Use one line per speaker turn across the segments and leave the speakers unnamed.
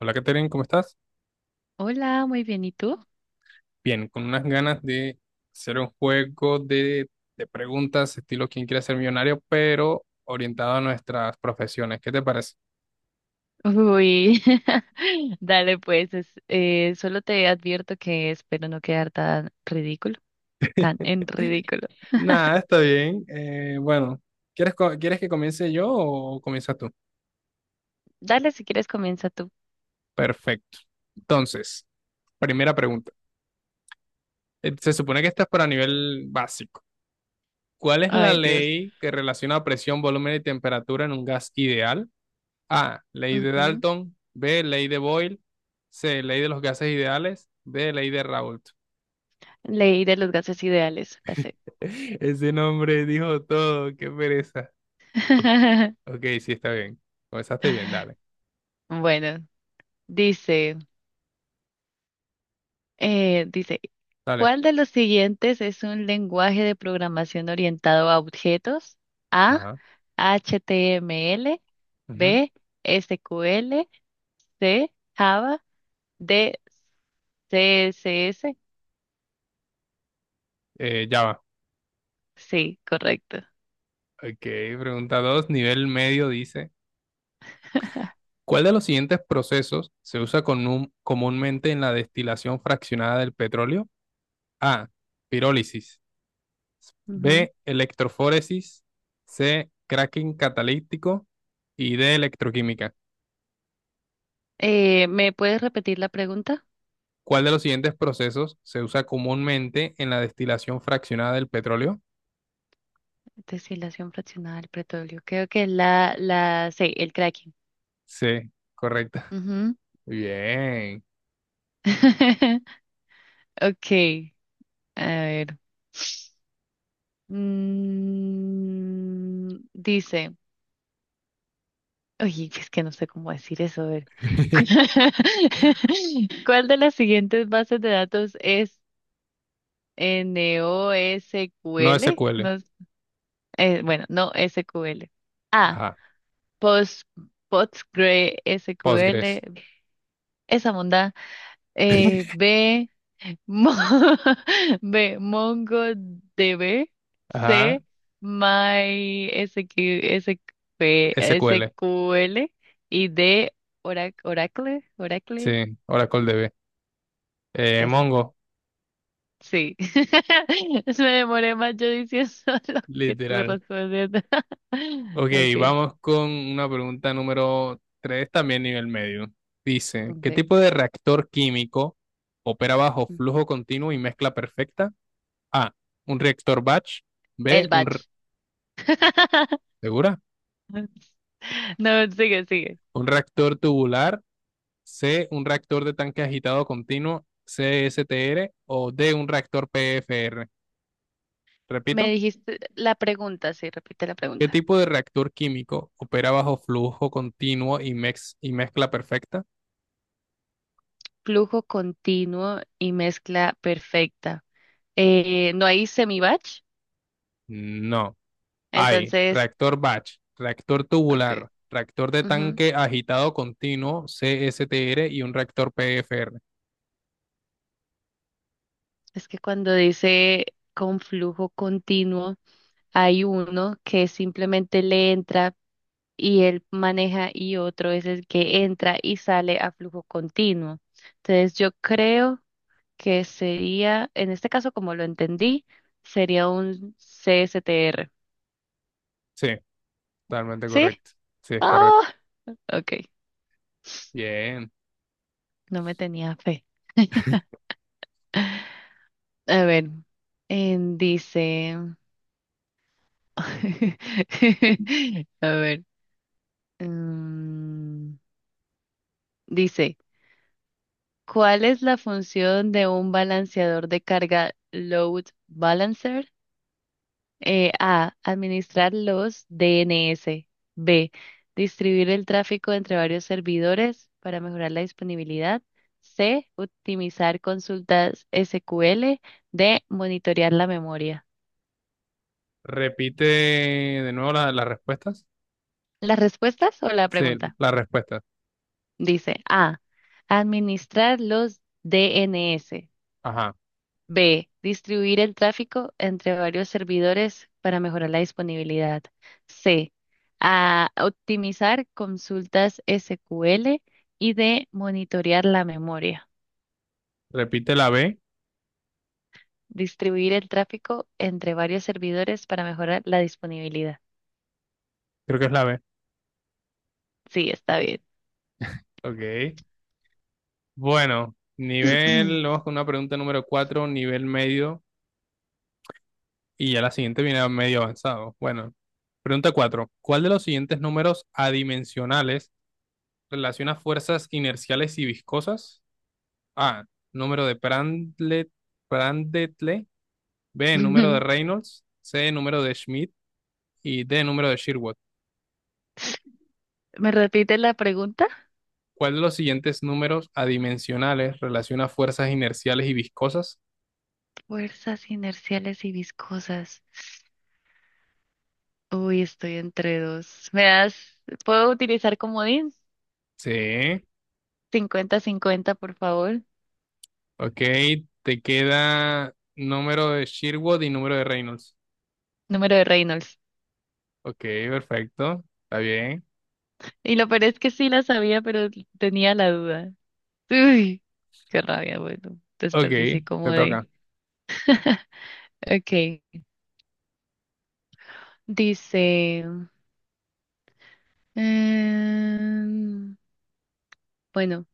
Hola, Katherine, ¿cómo estás?
Hola, muy bien, ¿y tú?
Bien, con unas ganas de hacer un juego de preguntas, estilo ¿Quién quiere ser millonario? Pero orientado a nuestras profesiones. ¿Qué te parece?
Uy, dale pues, solo te advierto que espero no quedar tan en ridículo.
Nada, está bien. Bueno, ¿quieres que comience yo o comienzas tú?
Dale, si quieres comienza tú.
Perfecto. Entonces, primera pregunta. Se supone que esta es para nivel básico. ¿Cuál es la
Ay, Dios.
ley que relaciona presión, volumen y temperatura en un gas ideal? A. Ley de
Ujú.
Dalton. B. Ley de Boyle. C. Ley de los gases ideales. D. Ley de Raoult.
Leí de los gases ideales, la sé.
Ese nombre dijo todo. Qué pereza. Ok, sí, está bien. Comenzaste bien, dale.
Bueno, dice, dice,
Dale.
¿cuál de los siguientes es un lenguaje de programación orientado a objetos? A,
Ajá.
HTML,
Ujú.
B, SQL, C, Java, D, CSS.
Ya va.
Sí, correcto.
Ok, pregunta 2, nivel medio, dice: ¿Cuál de los siguientes procesos se usa comúnmente en la destilación fraccionada del petróleo? A. Pirólisis.
Ujú.
B. Electroforesis. C. Cracking catalítico. Y D. Electroquímica.
¿Me puedes repetir la pregunta?
¿Cuál de los siguientes procesos se usa comúnmente en la destilación fraccionada del petróleo?
Deshilación fraccionada del petróleo. Creo que es la C, el cracking.
C. Correcta.
Ujú.
Bien.
Ok, a ver. Dice, oye, es que no sé cómo decir eso, a ver. ¿Cuál de las siguientes bases de datos es
No
NoSQL?
SQL.
No bueno, no SQL. Ah,
Ajá.
Post, postgresql
Postgres.
esa monda. Eh, B, Mo- B, MongoDB.
Ajá.
C,
SQL.
MySQL. Y D,
Sí.
Oracle,
Oracle DB.
esa.
Mongo.
Sí. Me demoré más yo diciendo lo que tú
Literal.
respondiendo.
Ok,
Ok.
vamos con una pregunta número tres, también nivel medio. Dice, ¿qué
Ok.
tipo de reactor químico opera bajo flujo continuo y mezcla perfecta? A, un reactor batch. B,
El
un re-
batch.
¿segura?
No, sigue.
Un reactor tubular. C, un reactor de tanque agitado continuo, CSTR. O D, un reactor PFR.
Me
Repito,
dijiste la pregunta, sí, repite la
¿qué
pregunta.
tipo de reactor químico opera bajo flujo continuo y y mezcla perfecta?
Flujo continuo y mezcla perfecta. No hay semi-batch,
No. Hay
entonces,
reactor batch, reactor
ok.
tubular, reactor de
Ujú.
tanque agitado continuo, CSTR, y un reactor PFR.
Es que cuando dice con flujo continuo, hay uno que simplemente le entra y él maneja y otro es el que entra y sale a flujo continuo. Entonces, yo creo que sería, en este caso, como lo entendí, sería un CSTR.
Sí, totalmente
¿Sí?
correcto. Sí, es
Ah,
correcto.
ok,
Bien.
no me tenía fe. A ver, dice, a ver, mm, dice, ¿cuál es la función de un balanceador de carga load balancer? A. Administrar los DNS. B. Distribuir el tráfico entre varios servidores para mejorar la disponibilidad. C. Optimizar consultas SQL. D. Monitorear la memoria.
Repite las respuestas.
¿Las respuestas o la
Sí,
pregunta?
las respuestas.
Dice A. Administrar los DNS.
Ajá.
B. Distribuir el tráfico entre varios servidores para mejorar la disponibilidad. C. A optimizar consultas SQL y D. Monitorear la memoria.
Repite la B.
Distribuir el tráfico entre varios servidores para mejorar la disponibilidad.
Creo que es la B.
Sí, está bien.
Ok. Vamos con una pregunta número 4, nivel medio, y ya la siguiente viene a medio avanzado. Bueno, pregunta 4. ¿Cuál de los siguientes números adimensionales relaciona fuerzas inerciales y viscosas? A. Número de Prandtl, Prandtl. B. Número de Reynolds. C. Número de Schmidt. Y D. Número de Sherwood.
¿Me repite la pregunta?
¿Cuál de los siguientes números adimensionales relaciona fuerzas inerciales y viscosas?
Fuerzas inerciales y viscosas. Uy, estoy entre dos. ¿Me das? ¿Puedo utilizar comodín?
C.
50-50 por favor.
Ok. Te queda número de Sherwood y número de Reynolds.
Número de Reynolds.
Ok, perfecto. Está bien.
Y lo peor es que sí la sabía, pero tenía la duda. Uy, qué rabia, bueno.
Ok,
Desperdicié
te
como de.
toca.
Ok. Dice. em, bueno.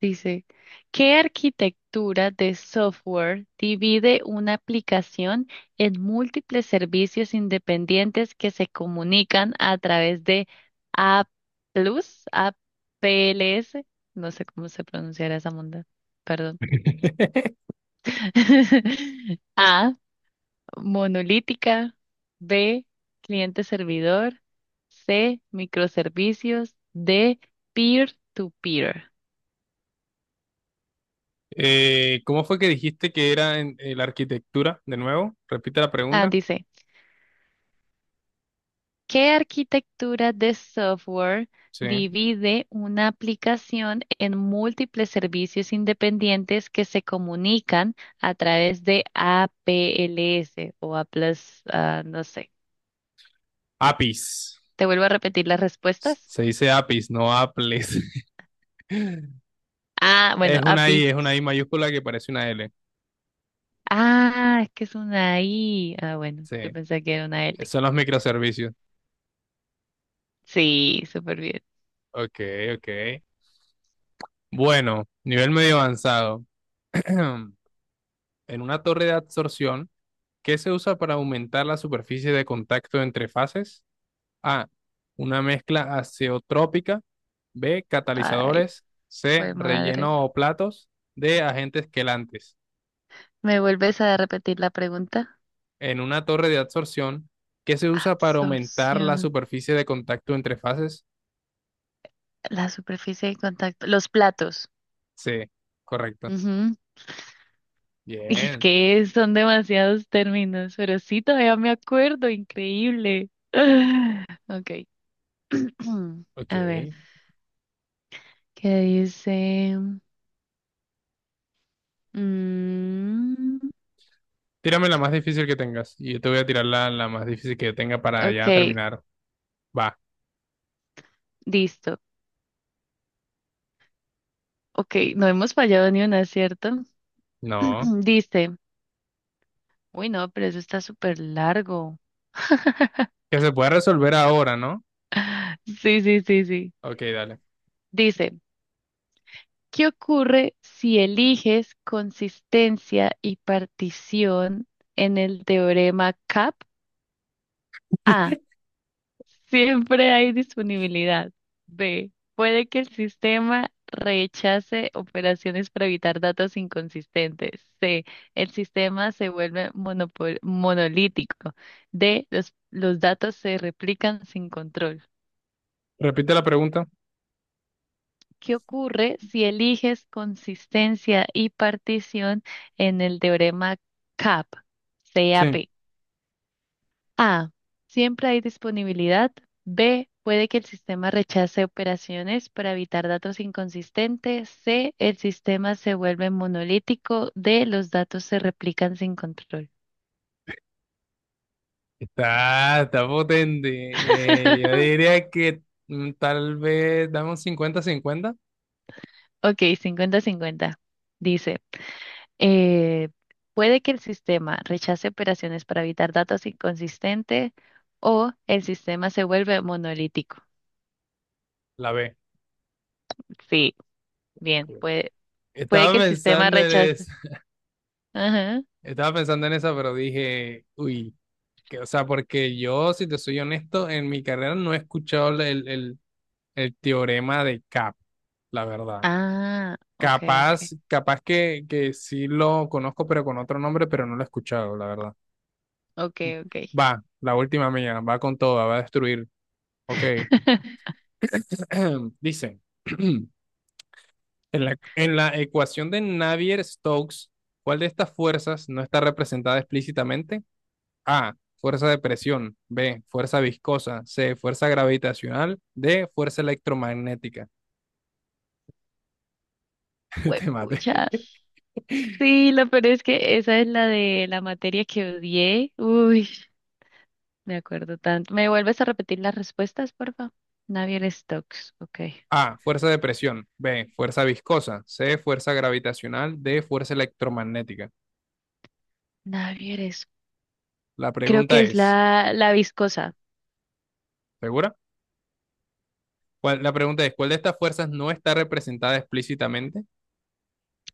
Dice, ¿qué arquitectura de software divide una aplicación en múltiples servicios independientes que se comunican a través de A+, A P L S? No sé cómo se pronunciará esa monda, perdón. A, monolítica, B, cliente-servidor, C, microservicios, D, peer-to-peer.
¿Cómo fue que dijiste que era en la arquitectura? De nuevo, repite la
Ah,
pregunta.
dice. ¿Qué arquitectura de software
Sí.
divide una aplicación en múltiples servicios independientes que se comunican a través de APLS, no sé?
APIS.
¿Te vuelvo a repetir las respuestas?
Se dice APIS, no APLES.
Ah, bueno, APIs.
Es una I mayúscula que parece una L.
Ah, es que es una I. Ah, bueno, yo
Sí.
pensé que era una L.
Son los microservicios.
Sí, súper bien.
Ok, ok. Bueno, nivel medio avanzado. En una torre de absorción, ¿qué se usa para aumentar la superficie de contacto entre fases? A. Una mezcla azeotrópica. B.
Ay,
Catalizadores. C.
fue madre.
Relleno o platos. D. Agentes quelantes.
¿Me vuelves a repetir la pregunta?
En una torre de adsorción, que se usa para aumentar la
Absorción.
superficie de contacto entre fases.
La superficie de contacto, los platos.
C. Correcto.
Ujú. Y es
Bien.
que son demasiados términos, pero sí, todavía me acuerdo, increíble. Ok.
Ok.
A ver, ¿qué dice? Mm,
Tírame la más difícil que tengas. Y yo te voy a tirar la más difícil que yo tenga para ya
ok,
terminar. Va.
listo. Ok, no hemos fallado ni una, ¿cierto?
No.
Dice, uy, no, pero eso está súper largo.
Que se pueda resolver ahora, ¿no?
Sí, sí, sí, sí.
Ok, dale.
Dice. ¿Qué ocurre si eliges consistencia y partición en el teorema CAP? A. Siempre hay disponibilidad. B. Puede que el sistema rechace operaciones para evitar datos inconsistentes. C. El sistema se vuelve monolítico. D. Los datos se replican sin control.
Repite la pregunta.
¿Qué ocurre si eliges consistencia y partición en el teorema CAP?
Sí.
CAP. A. Siempre hay disponibilidad. B. Puede que el sistema rechace operaciones para evitar datos inconsistentes. C. El sistema se vuelve monolítico. D. Los datos se replican sin control.
Está, está potente. Yo diría que tal vez dame un cincuenta 50
Ok, 50-50. Dice. Eh, puede que el sistema rechace operaciones para evitar datos inconsistentes o el sistema se vuelve monolítico.
la B.
Sí, bien, puede, puede
Estaba
que el sistema
pensando en eso,
rechace. Ajá.
estaba pensando en esa, pero dije, uy, que, o sea, porque yo, si te soy honesto, en mi carrera no he escuchado el teorema de CAP, la verdad.
Ah,
Capaz, que sí lo conozco, pero con otro nombre, pero no lo he escuchado, la verdad.
ok, ok.
Va, la última mía, va con toda, va a destruir. Ok. Dicen, en la ecuación de Navier-Stokes, ¿cuál de estas fuerzas no está representada explícitamente? A, fuerza de presión. B, fuerza viscosa. C, fuerza gravitacional. D, fuerza electromagnética. Te maté.
Huepucha. Sí, lo peor es que esa es la de la materia que odié. Uy, me acuerdo tanto. ¿Me vuelves a repetir las respuestas, por favor? Navier Stokes, ok.
A, fuerza de presión. B, fuerza viscosa. C, fuerza gravitacional. D, fuerza electromagnética.
Navier es,
La
creo
pregunta
que es
es,
la viscosa.
¿segura? ¿Cuál- la pregunta es, ¿cuál de estas fuerzas no está representada explícitamente?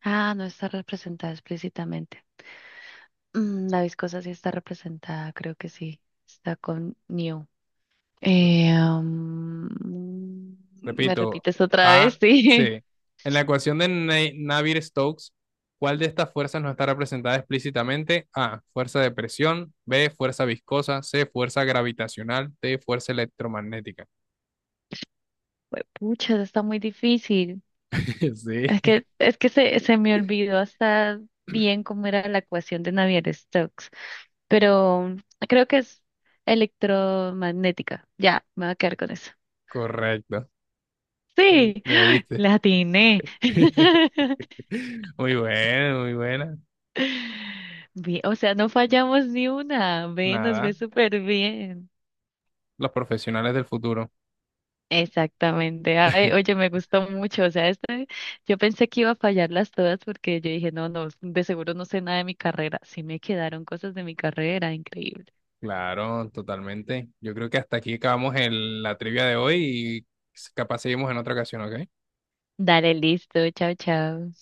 Ah, no está representada explícitamente. Mm, la viscosa sí está representada, creo que sí. Está con New. Eh, ¿Me
Repito,
repites otra
A,
vez?
C. En la
Sí.
ecuación de Navier-Stokes, ¿cuál de estas fuerzas no está representada explícitamente? A, fuerza de presión. B, fuerza viscosa. C, fuerza gravitacional. D, fuerza electromagnética.
Pucha, está muy difícil.
Sí,
Es que, se me olvidó hasta bien cómo era la ecuación de Navier-Stokes, pero creo que es electromagnética. Ya, me voy a quedar con eso.
correcto.
Sí,
Le diste.
la atiné.
Muy buena, muy buena.
Bien, o sea, no fallamos ni una. Ve, nos ve
Nada,
súper bien.
los profesionales del futuro.
Exactamente. Ay, oye, me gustó mucho. O sea, este, yo pensé que iba a fallarlas todas porque yo dije, no, no, de seguro no sé nada de mi carrera. Sí me quedaron cosas de mi carrera, increíble.
Claro, totalmente. Yo creo que hasta aquí acabamos la trivia de hoy, y capaz seguimos en otra ocasión, ¿ok?
Dale, listo. Chao, chao.